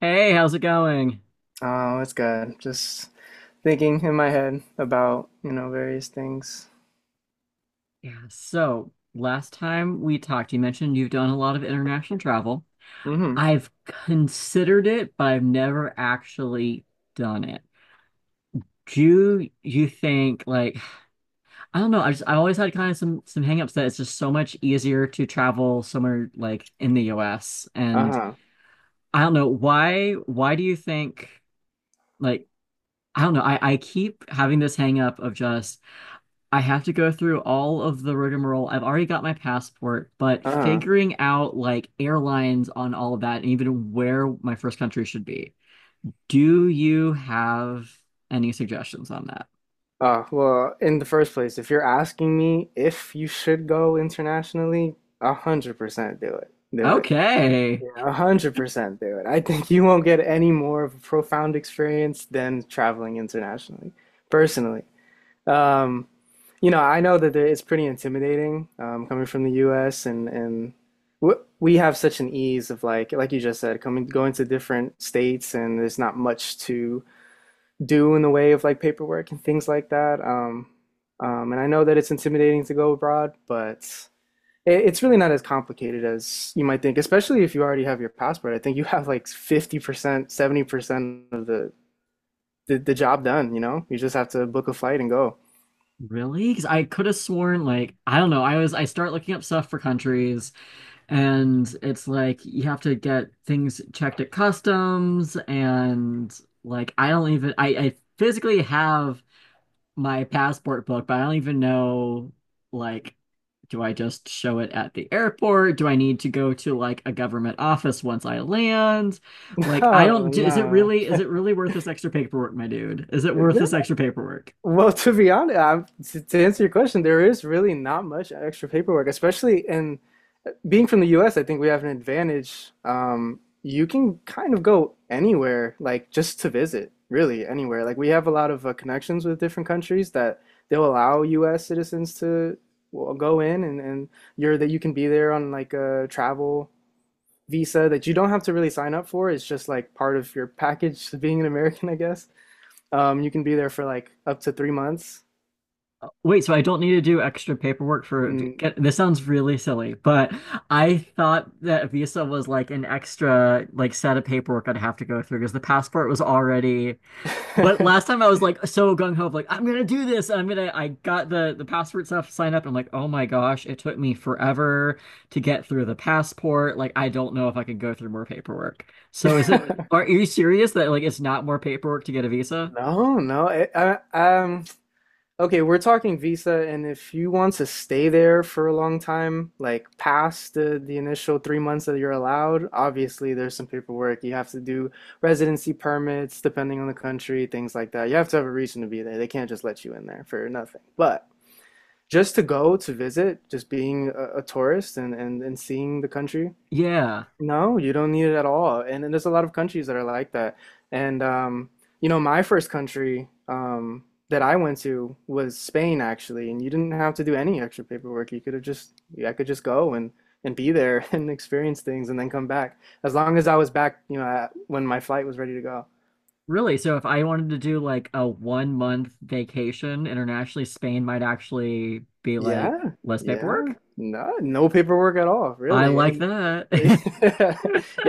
Hey, how's it going? Oh, it's good. Just thinking in my head about, you know, various things. Yeah, so last time we talked, you mentioned you've done a lot of international travel. Mm-hmm. I've considered it, but I've never actually done it. Do you think like I don't know, I just I always had kind of some hangups that it's just so much easier to travel somewhere like in the US. And Uh-huh. I don't know why do you think like I don't know, I keep having this hang up of just I have to go through all of the rigmarole. I've already got my passport, but Uh-huh. figuring out like airlines on all of that and even where my first country should be. Do you have any suggestions on that? Well, in the first place, if you're asking me if you should go internationally, 100% do it. Do it. Okay. Yeah, 100% do it. I think you won't get any more of a profound experience than traveling internationally, personally. Um, I know that it's pretty intimidating coming from the U.S. and we have such an ease of like you just said, coming going to different states, and there's not much to do in the way of like paperwork and things like that. And I know that it's intimidating to go abroad, but it's really not as complicated as you might think, especially if you already have your passport. I think you have like 50%, 70% of the job done, you know? You just have to book a flight and go. Really? Because I could have sworn like I don't know. I was I start looking up stuff for countries and it's like you have to get things checked at customs, and like I don't even I physically have my passport book, but I don't even know like do I just show it at the airport? Do I need to go to like a government office once I land? Like I No, don't is it really worth this extra paperwork, my dude? Is it worth this no. extra paperwork? Well, to be honest, to answer your question, there is really not much extra paperwork, especially in being from the US. I think we have an advantage. You can kind of go anywhere, like just to visit, really anywhere. Like we have a lot of connections with different countries that they'll allow US citizens to, well, go in, and you're that you can be there on like a travel visa that you don't have to really sign up for. It's just like part of your package to being an American, I guess. You can be there for like up to 3 months. Wait, so I don't need to do extra paperwork for Mm. get, this sounds really silly, but I thought that Visa was like an extra like set of paperwork I'd have to go through because the passport was already. But last time I was like so gung ho, like I'm gonna do this. I'm gonna. I got the passport stuff signed up. And I'm like, oh my gosh, it took me forever to get through the passport. Like I don't know if I can go through more paperwork. So is it? Are you serious that like it's not more paperwork to get a visa? No, no. Okay, we're talking visa, and if you want to stay there for a long time, like past the initial 3 months that you're allowed, obviously there's some paperwork. You have to do residency permits, depending on the country, things like that. You have to have a reason to be there. They can't just let you in there for nothing. But just to go to visit, just being a tourist and seeing the country. Yeah, No, you don't need it at all. And there's a lot of countries that are like that. And You know, my first country, that I went to was Spain, actually. And you didn't have to do any extra paperwork. You could have just, I could just go and be there and experience things and then come back. As long as I was back, you know, when my flight was ready to go. really. So if I wanted to do like a 1 month vacation internationally, Spain might actually be like Yeah, less yeah. paperwork. No, no paperwork at all, I really. like And that. yeah,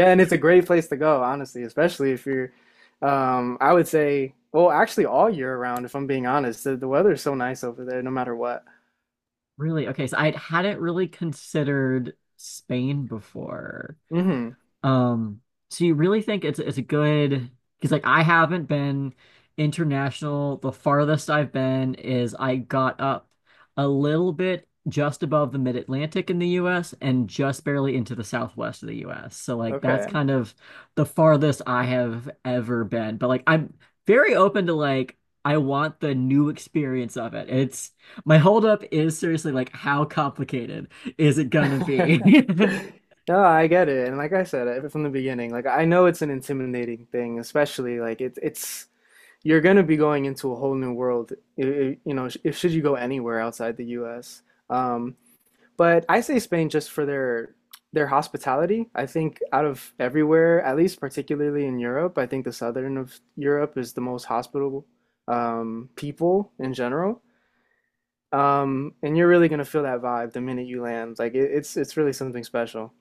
and it's a great place to go, honestly, especially if you're I would say, well, actually all year round, if I'm being honest. The weather is so nice over there no matter what. Really? Okay, so I hadn't really considered Spain before. Hmm. Um, so you really think it's a good, because like I haven't been international. The farthest I've been is I got up a little bit just above the mid-Atlantic in the US and just barely into the southwest of the US. So like that's Okay. kind of the farthest I have ever been. But like I'm very open to like I want the new experience of it. It's my holdup is seriously like how complicated is it gonna be? No, I get it. And like I said, from the beginning, like I know it's an intimidating thing, especially like it's you're gonna be going into a whole new world. You know, if should you go anywhere outside the US. Um, But I say Spain just for their hospitality. I think out of everywhere, at least particularly in Europe, I think the southern of Europe is the most hospitable, people in general. And you're really gonna feel that vibe the minute you land. It's really something special.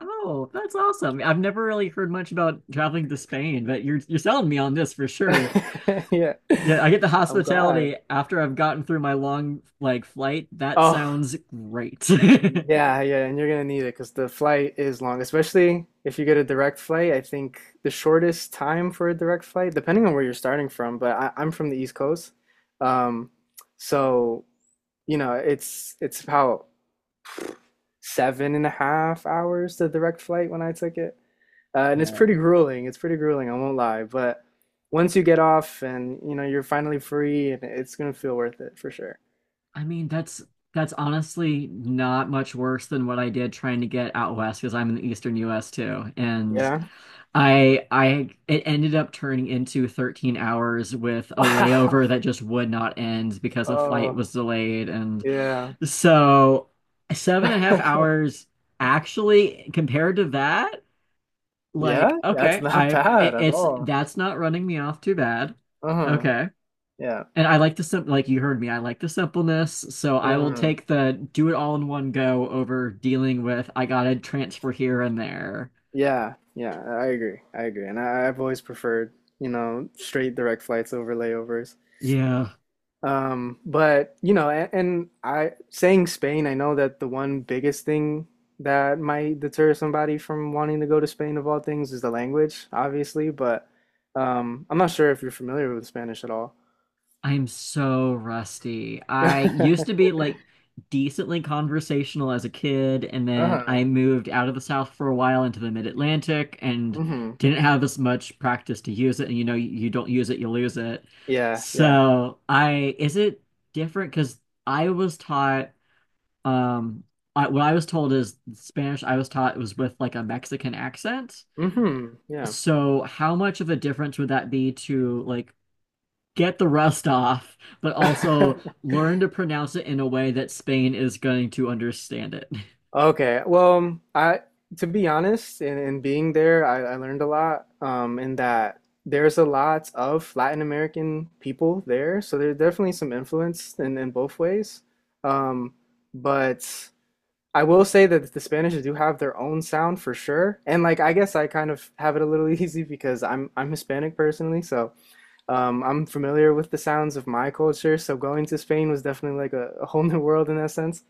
Oh, that's awesome. I've never really heard much about traveling to Spain, but you're selling me on this for sure. Yeah, Yeah, I get the I'm glad. hospitality after I've gotten through my long like flight. That Oh. sounds great. Yeah, yeah, and you're gonna need it because the flight is long, especially if you get a direct flight. I think the shortest time for a direct flight, depending on where you're starting from, but I'm from the East Coast. um, so you know it's about seven and a half hours the direct flight when I took it. And it's pretty Okay. grueling. It's pretty grueling, I won't lie, but once you get off and you know you're finally free, and it's gonna feel worth it for sure. I mean, that's honestly not much worse than what I did trying to get out west, because I'm in the eastern US too. And Yeah. I it ended up turning into 13 hours with a layover Wow. that just would not end because a flight Oh, was delayed. And yeah. so seven and a half hours actually compared to that, Yeah, like, that's okay, not I bad it, at it's all. that's not running me off too bad. Uh-huh. Okay. Yeah. And I like the simple, like you heard me, I like the simpleness. So I will Uh-huh. take the do it all in one go over dealing with I gotta transfer here and there. Yeah. Yeah. I agree. I agree. I've always preferred, you know, straight direct flights over layovers. Yeah. But you know, and I saying Spain, I know that the one biggest thing that might deter somebody from wanting to go to Spain of all things is the language, obviously, but I'm not sure if you're familiar with Spanish at all. I'm so rusty. I used to be like decently conversational as a kid, and then I Uh-huh. moved out of the South for a while into the mid-Atlantic and Mm-hmm. didn't have as much practice to use it. And you know, you don't use it, you lose it. Yeah, yeah. So I, is it different? Because I was taught, um, I, what I was told is Spanish I was taught was with like a Mexican accent. Mm-hmm. Yeah. So how much of a difference would that be to like get the rust off, but also learn to pronounce it in a way that Spain is going to understand it? Okay. Well, I To be honest, in being there, I learned a lot. In that there's a lot of Latin American people there, so there's definitely some influence in both ways. Um, but I will say that the Spanish do have their own sound for sure. And like I guess I kind of have it a little easy because I'm Hispanic personally, so I'm familiar with the sounds of my culture. So going to Spain was definitely like a whole new world in that sense.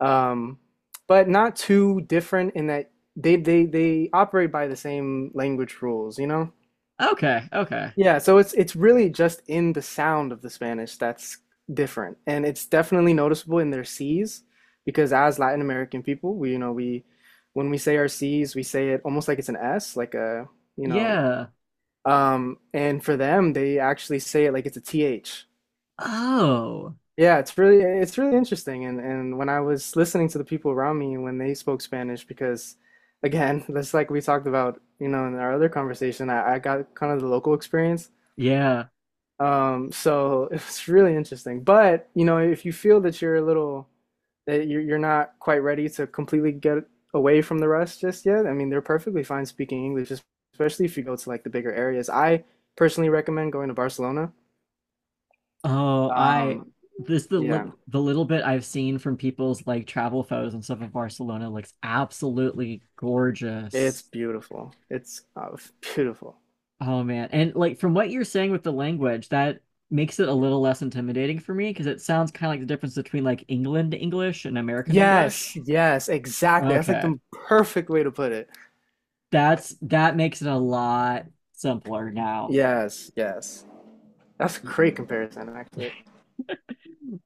um, but not too different in that they operate by the same language rules, you know? Okay, okay. Yeah, so it's really just in the sound of the Spanish that's different, and it's definitely noticeable in their C's, because as Latin American people, we you know we when we say our C's, we say it almost like it's an S, like a you know, Yeah. And for them, they actually say it like it's a TH. Oh, Yeah, it's really interesting. And when I was listening to the people around me when they spoke Spanish, because again, that's like we talked about, you know, in our other conversation, I got kind of the local experience. yeah. So it's really interesting. But, you know, if you feel that you're a little, that you're not quite ready to completely get away from the rest just yet, I mean, they're perfectly fine speaking English, especially if you go to like the bigger areas. I personally recommend going to Barcelona. Oh, I Um, this the yeah. li- the little bit I've seen from people's like travel photos and stuff of Barcelona looks absolutely It's gorgeous. beautiful. It's beautiful. Oh man. And like from what you're saying with the language, that makes it a little less intimidating for me, because it sounds kind of like the difference between like England English and American Yes, English. yes, exactly. That's like Okay. the perfect way to put it. That's that makes it a lot simpler now. Yes, yes. That's a great comparison, actually.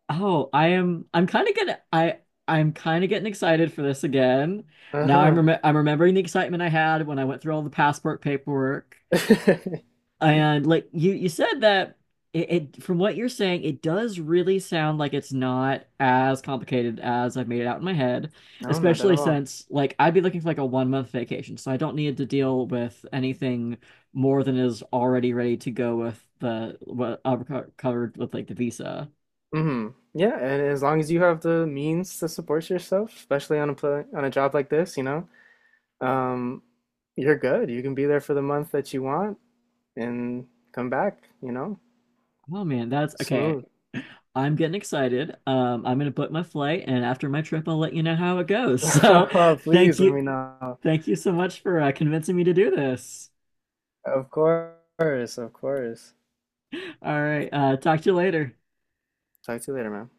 Oh, I am I'm kind of getting I I'm kind of getting excited for this again. Now I'm Uh-huh. rem I'm remembering the excitement I had when I went through all the passport paperwork. And like you said that it, it from what you're saying, it does really sound like it's not as complicated as I've made it out in my head, No, not at especially all. since like I'd be looking for like a 1 month vacation, so I don't need to deal with anything more than is already ready to go with the what covered with like the visa. Hmm. Yeah, and as long as you have the means to support yourself, especially on a pla on a job like this, you know, um, you're good. You can be there for the month that you want and come back, you know, Oh man, that's okay. smooth. I'm getting excited. I'm gonna book my flight, and after my trip, I'll let you know how it goes. So, thank Please let you, me know. thank you so much for convincing me to do this. Of course, of course. All right, talk to you later. Talk to you later, man.